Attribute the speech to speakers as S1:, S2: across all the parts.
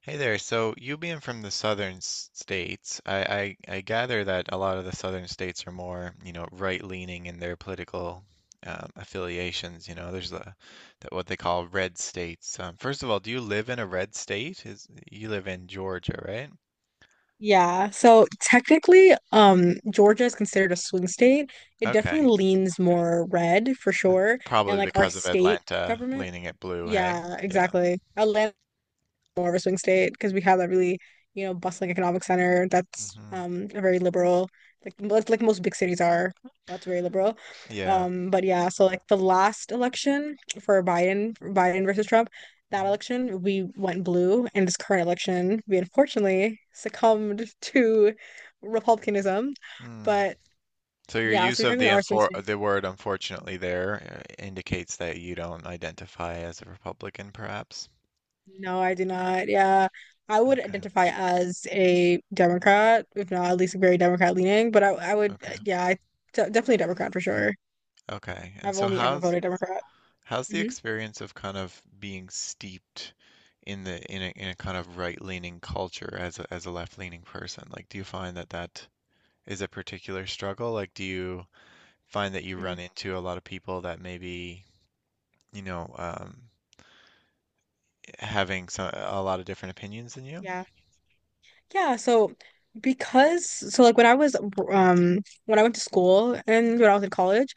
S1: Hey there. So you being from the southern states, I gather that a lot of the southern states are more, you know, right-leaning in their political affiliations. You know, there's the, that what they call red states. First of all, do you live in a red state? Is you live in Georgia, right?
S2: Yeah, so technically, Georgia is considered a swing state. It
S1: Okay.
S2: definitely leans more red for
S1: Uh,
S2: sure. And
S1: Probably
S2: like our
S1: because of
S2: state
S1: Atlanta
S2: government,
S1: leaning it blue. Hey,
S2: yeah,
S1: yeah.
S2: exactly, more of a swing state because we have that really, you know, bustling economic center that's
S1: hmm
S2: a very liberal, like most big cities are. That's very liberal.
S1: yeah.
S2: But yeah, so like the last election for Biden versus Trump, that
S1: Mm-hmm.
S2: election we went blue, and this current election we unfortunately succumbed to republicanism.
S1: hmm
S2: But
S1: So your
S2: yeah, so
S1: use
S2: we
S1: of the
S2: technically are a swing
S1: unfor
S2: state.
S1: the word unfortunately there indicates that you don't identify as a Republican, perhaps.
S2: No, I do not. Yeah. I would
S1: Okay,
S2: identify as a Democrat, if not at least very Democrat leaning, but I would,
S1: okay,
S2: yeah, I, definitely Democrat for sure.
S1: okay. And
S2: I've only ever voted Democrat.
S1: how's the
S2: Hmm
S1: experience of kind of being steeped in a kind of right-leaning culture as a left-leaning person? Like, do you find that is a particular struggle? Like, do you find that you
S2: hmm
S1: run into a lot of people that maybe, you know, um, having some a lot of different opinions than you?
S2: Yeah. Yeah. So because, so like when I was, when I went to school and when I was in college,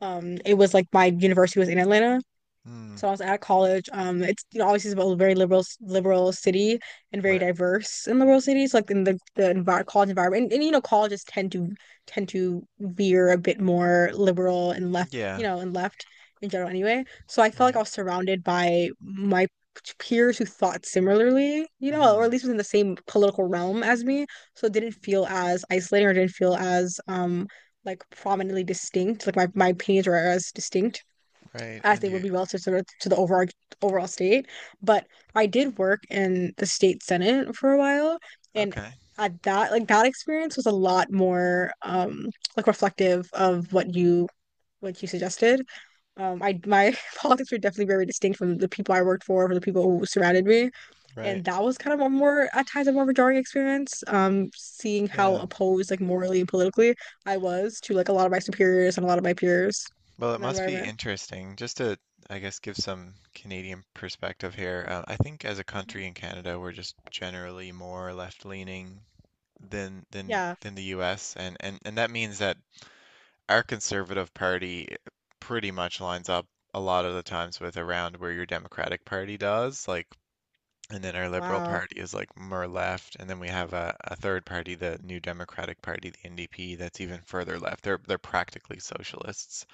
S2: it was like my university was in Atlanta.
S1: Hmm.
S2: So I was at college. It's you know obviously it's a very liberal city and very
S1: Right.
S2: diverse in liberal cities. Like in the envi college environment, and you know colleges tend to veer a bit more liberal and left, you
S1: Yeah.
S2: know, and left in general anyway. So I felt like I
S1: Right.
S2: was surrounded by my peers who thought similarly, you know, or at
S1: hmm
S2: least within the same political realm as me. So it didn't feel as isolating or didn't feel as like prominently distinct. Like my opinions were as distinct
S1: Right.
S2: as
S1: And
S2: they would
S1: you,
S2: be relative to to the overall state. But I did work in the state senate for a while, and
S1: okay.
S2: at that like that experience was a lot more like reflective of what you suggested. I my politics were definitely very distinct from the people I worked for, from the people who surrounded me,
S1: Right.
S2: and that was kind of a more at times a more of a jarring experience. Seeing how
S1: Yeah.
S2: opposed like morally and politically I was to like a lot of my superiors and a lot of my peers
S1: Well, it
S2: in that
S1: must be
S2: environment.
S1: interesting. Just to, I guess, give some Canadian perspective here. I think as a country in Canada, we're just generally more left-leaning than than
S2: Yeah.
S1: than the U.S., and that means that our Conservative Party pretty much lines up a lot of the times with around where your Democratic Party does. Like, and then our Liberal
S2: Wow.
S1: Party is like more left, and then we have a third party, the New Democratic Party, the NDP, that's even further left. They're practically socialists.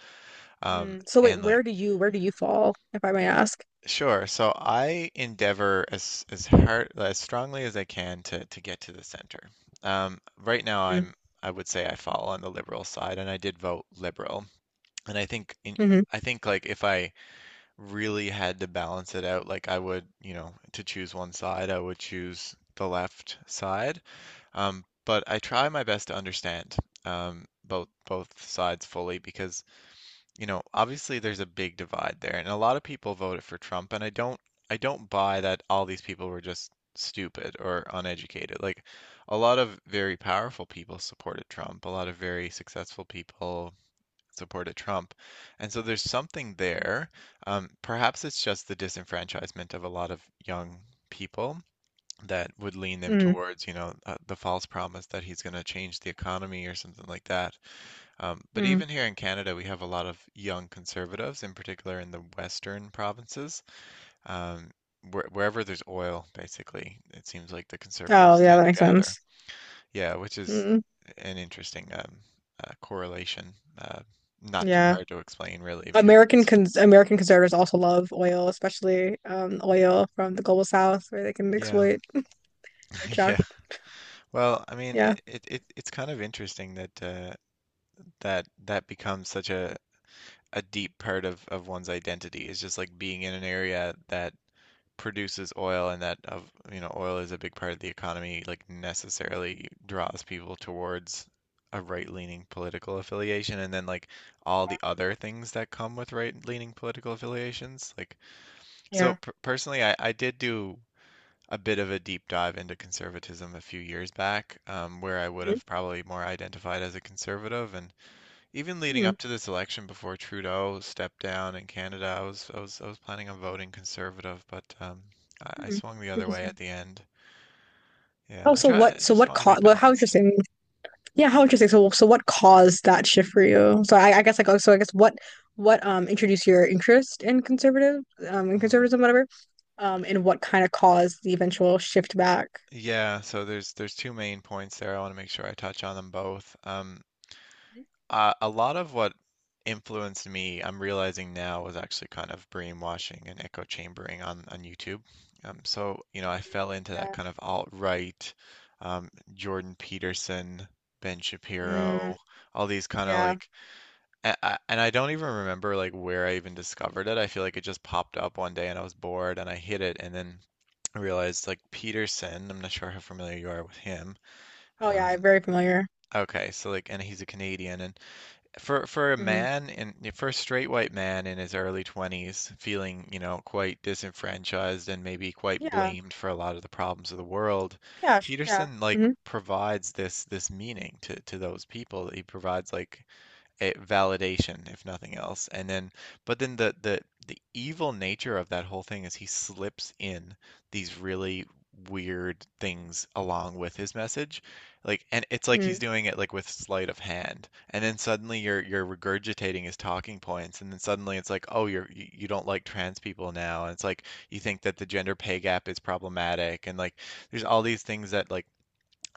S2: Mm. So wait,
S1: And like,
S2: where do you fall, if I may ask?
S1: sure, so I endeavor as hard as strongly as I can to get to the center. Right now
S2: Mm.
S1: I would say I fall on the Liberal side, and I did vote Liberal. And
S2: Mm-hmm.
S1: I think like if I really had to balance it out, like I would, you know, to choose one side, I would choose the left side. But I try my best to understand both sides fully because, you know, obviously there's a big divide there, and a lot of people voted for Trump, and I don't buy that all these people were just stupid or uneducated. Like, a lot of very powerful people supported Trump, a lot of very successful people supported Trump, and so there's something there. Perhaps it's just the disenfranchisement of a lot of young people that would lean them
S2: Mm.
S1: towards, you know, the false promise that he's going to change the economy or something like that. But
S2: Mm.
S1: even here in Canada, we have a lot of young conservatives, in particular in the western provinces. Um, Wherever there's oil, basically, it seems like the
S2: Oh,
S1: conservatives
S2: yeah,
S1: tend
S2: that
S1: to
S2: makes
S1: gather.
S2: sense.
S1: Yeah, which is
S2: Mm.
S1: an interesting correlation. Uh, not too
S2: Yeah.
S1: hard to explain, really, because it can.
S2: American conservatives also love oil, especially oil from the global south where they can
S1: Yeah,
S2: exploit
S1: yeah.
S2: extract.
S1: Well, I mean,
S2: Yeah.
S1: it's kind of interesting that that becomes such a deep part of one's identity is just like being in an area that produces oil, and that of, you know, oil is a big part of the economy, like necessarily draws people towards a right-leaning political affiliation, and then like all the other things that come with right-leaning political affiliations. Like, so
S2: Yeah.
S1: personally, I did do a bit of a deep dive into conservatism a few years back, where I would
S2: Mm-hmm.
S1: have probably more identified as a conservative, and even leading up to this election before Trudeau stepped down in Canada, I was I was planning on voting conservative, but I
S2: Mm-hmm.
S1: swung the other way at
S2: Interesting.
S1: the end. Yeah,
S2: Oh,
S1: I
S2: so
S1: try. I just
S2: what
S1: want to be
S2: caused how
S1: balanced.
S2: interesting. Yeah, how interesting. So so what caused that shift for you? So I guess like oh, so I guess what introduced your interest in conservative in
S1: Mm.
S2: conservatism whatever? And what kind of caused the eventual shift back.
S1: Yeah, so there's two main points there. I want to make sure I touch on them both.
S2: Mhm.
S1: A lot of what influenced me, I'm realizing now, was actually kind of brainwashing and echo chambering on YouTube. So you know, I fell into that
S2: Yeah.
S1: kind of alt-right, Jordan Peterson, Ben
S2: Mm,
S1: Shapiro, all these kind of
S2: yeah.
S1: like, and I don't even remember like where I even discovered it. I feel like it just popped up one day and I was bored and I hit it, and then I realized like Peterson. I'm not sure how familiar you are with him.
S2: Oh, yeah.
S1: Um,
S2: Very familiar.
S1: okay, so like, and he's a Canadian, and for a
S2: Hmm
S1: man in for a straight white man in his early 20s, feeling, you know, quite disenfranchised and maybe quite
S2: Yeah.
S1: blamed for a lot of the problems of the world.
S2: Yeah. Yeah.
S1: Peterson like
S2: hmm
S1: provides this meaning to those people. He provides like a validation, if nothing else. And then, but then the evil nature of that whole thing is he slips in these really weird things along with his message. Like, and it's like he's
S2: mm
S1: doing it like with sleight of hand. And then suddenly you're regurgitating his talking points, and then suddenly it's like, oh, you, you don't like trans people now, and it's like you think that the gender pay gap is problematic, and like there's all these things that like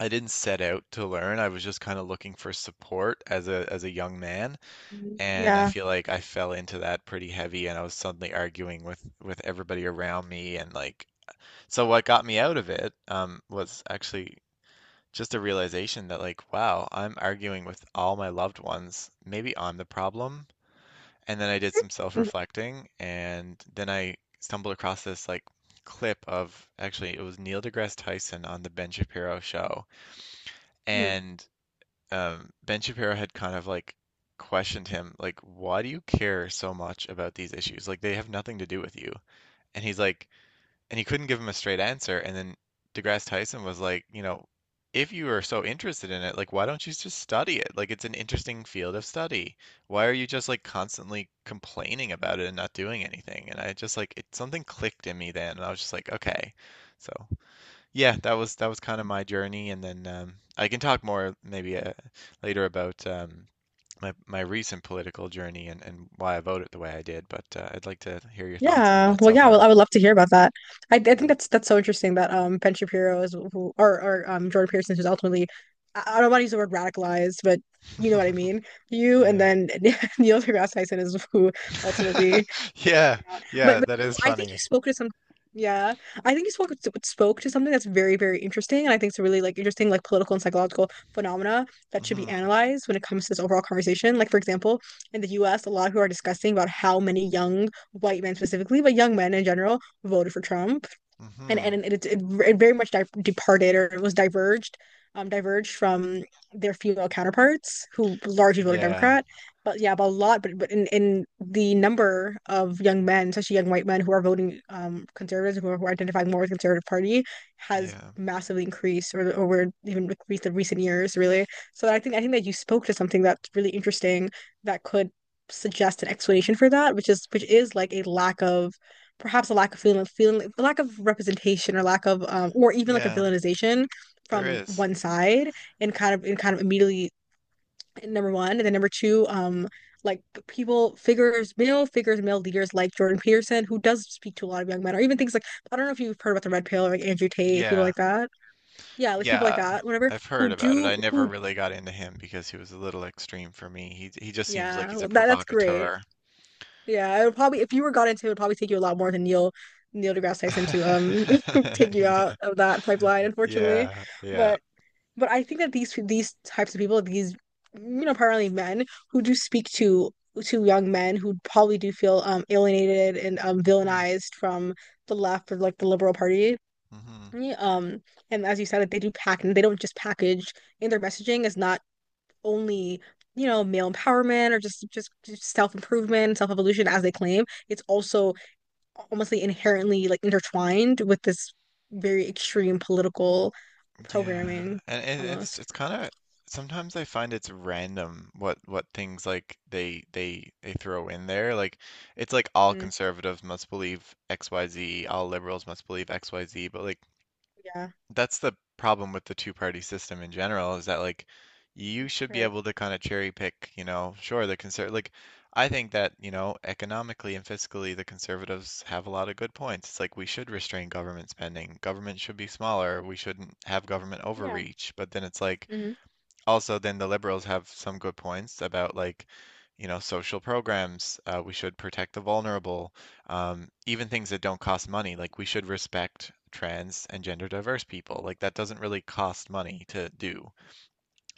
S1: I didn't set out to learn. I was just kind of looking for support as a young man, and I
S2: Yeah.
S1: feel like I fell into that pretty heavy, and I was suddenly arguing with everybody around me. And like, so what got me out of it, was actually just a realization that like, wow, I'm arguing with all my loved ones. Maybe I'm the problem. And then I did some
S2: Mhm.
S1: self-reflecting, and then I stumbled across this like clip of, actually it was Neil deGrasse Tyson on the Ben Shapiro show,
S2: Mm.
S1: and Ben Shapiro had kind of like questioned him, like, why do you care so much about these issues? Like, they have nothing to do with you. And and he couldn't give him a straight answer. And then DeGrasse Tyson was like, you know, if you are so interested in it, like, why don't you just study it? Like, it's an interesting field of study. Why are you just like constantly complaining about it and not doing anything? And I just like, something clicked in me then, and I was just like, okay. So yeah, that was kind of my journey, and then I can talk more maybe later about my recent political journey and why I voted the way I did. But I'd like to hear your thoughts on
S2: Yeah.
S1: that
S2: Well,
S1: so
S2: yeah. Well,
S1: far.
S2: I would love to hear about that. I think
S1: Mm.
S2: that's so interesting that Ben Shapiro is who or Jordan Peterson who's ultimately I don't want to use the word radicalized, but you know what I mean. You and
S1: Yeah,
S2: then Neil deGrasse Tyson is who ultimately
S1: yeah,
S2: out. But,
S1: yeah.
S2: but
S1: That
S2: no,
S1: is
S2: I think you
S1: funny.
S2: spoke to some. Yeah, I think you spoke to something that's very, very interesting, and I think it's a really like interesting like political and psychological phenomena that should be
S1: Hmm
S2: analyzed when it comes to this overall conversation. Like for example, in the U.S., a lot of people are discussing about how many young white men specifically, but young men in general, voted for Trump and
S1: hmm
S2: it very much di departed or it was diverged diverged from their female counterparts who largely voted
S1: Yeah,
S2: Democrat but yeah but a lot but in the number of young men, especially young white men, who are voting conservatives, who are identifying more with the conservative party, has
S1: yeah,
S2: massively increased or over even with the recent years really. So I think that you spoke to something that's really interesting that could suggest an explanation for that, which is like a lack of, perhaps a lack of feeling, feeling a lack of representation or lack of or even like a
S1: yeah.
S2: villainization
S1: There
S2: from
S1: is.
S2: one side, and kind of immediately number one, and then number two, like people figures, male leaders like Jordan Peterson who does speak to a lot of young men, or even things like I don't know if you've heard about the red pill or like Andrew Tate, people
S1: Yeah,
S2: like that, yeah, like people like
S1: yeah.
S2: that, whatever,
S1: I've heard
S2: who
S1: about it.
S2: do
S1: I never
S2: who
S1: really got into him because he was a little extreme for me. He just seems like
S2: yeah,
S1: he's a
S2: well, that that's great.
S1: provocateur.
S2: Yeah, it would probably, if you were got into it, would probably take you a lot more than Neil deGrasse Tyson to take you
S1: Yeah.
S2: out of that pipeline, unfortunately.
S1: Yeah, yeah.
S2: But but I think that these types of people, these, you know, primarily men who do speak to young men who probably do feel alienated and
S1: Mhm,
S2: villainized from the left or like the liberal party.
S1: mhm.
S2: Um, and as you said, they do pack and they don't just package in their messaging is not only you know male empowerment or just self improvement, self evolution as they claim. It's also almost like inherently like intertwined with this very extreme political
S1: Yeah.
S2: programming
S1: And it's
S2: almost.
S1: it's kind of, sometimes I find it's random what things like they throw in there. Like, it's like all
S2: Mm,
S1: conservatives must believe XYZ, all liberals must believe XYZ, but like
S2: yeah,
S1: that's the problem with the two-party system in general, is that like you should be
S2: right.
S1: able to kind of cherry pick, you know. Sure, the conserv like, I think that, you know, economically and fiscally, the conservatives have a lot of good points. It's like, we should restrain government spending. Government should be smaller. We shouldn't have government
S2: Yeah.
S1: overreach. But then it's like,
S2: hmm
S1: also then the liberals have some good points about, like, you know, social programs. We should protect the vulnerable. Even things that don't cost money, like we should respect trans and gender diverse people, like that doesn't really cost money to do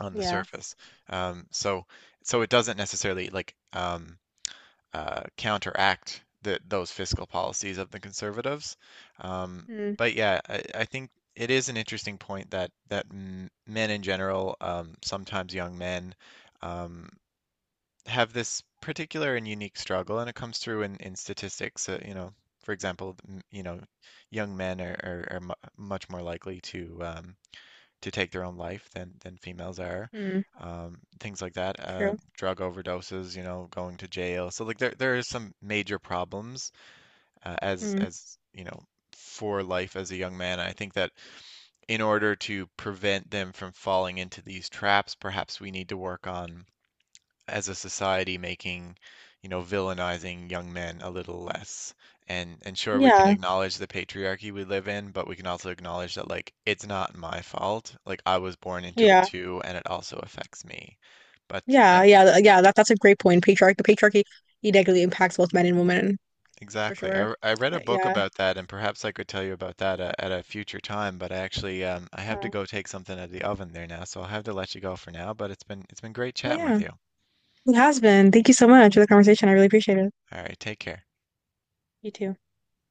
S1: on the
S2: Yeah.
S1: surface. Um, so so it doesn't necessarily like counteract those fiscal policies of the conservatives. Um,
S2: Mm,
S1: but yeah, I think it is an interesting point, that that men in general, sometimes young men, um, have this particular and unique struggle, and it comes through in statistics. You know, for example, you know, young men are much more likely to take their own life than females are.
S2: mm,
S1: Things like that,
S2: true.
S1: drug overdoses, you know, going to jail. So like, there is some major problems,
S2: Mm.
S1: as you know, for life as a young man. I think that in order to prevent them from falling into these traps, perhaps we need to work on as a society making, you know, villainizing young men a little less. And sure, we can
S2: Yeah.
S1: acknowledge the patriarchy we live in, but we can also acknowledge that like it's not my fault. Like, I was born into it
S2: Yeah.
S1: too, and it also affects me. But I,
S2: Yeah, yeah, yeah, that that's a great point. Patriarch, the patriarchy, it negatively impacts both men and women for
S1: exactly,
S2: sure.
S1: I read a book
S2: Yeah.
S1: about that, and perhaps I could tell you about that at a future time. But I actually I have to
S2: Uh,
S1: go take something out of the oven there now, so I'll have to let you go for now. But it's been great
S2: oh
S1: chatting with
S2: yeah,
S1: you.
S2: it has been. Thank you so much for the conversation. I really appreciate it.
S1: All right, take care.
S2: You too.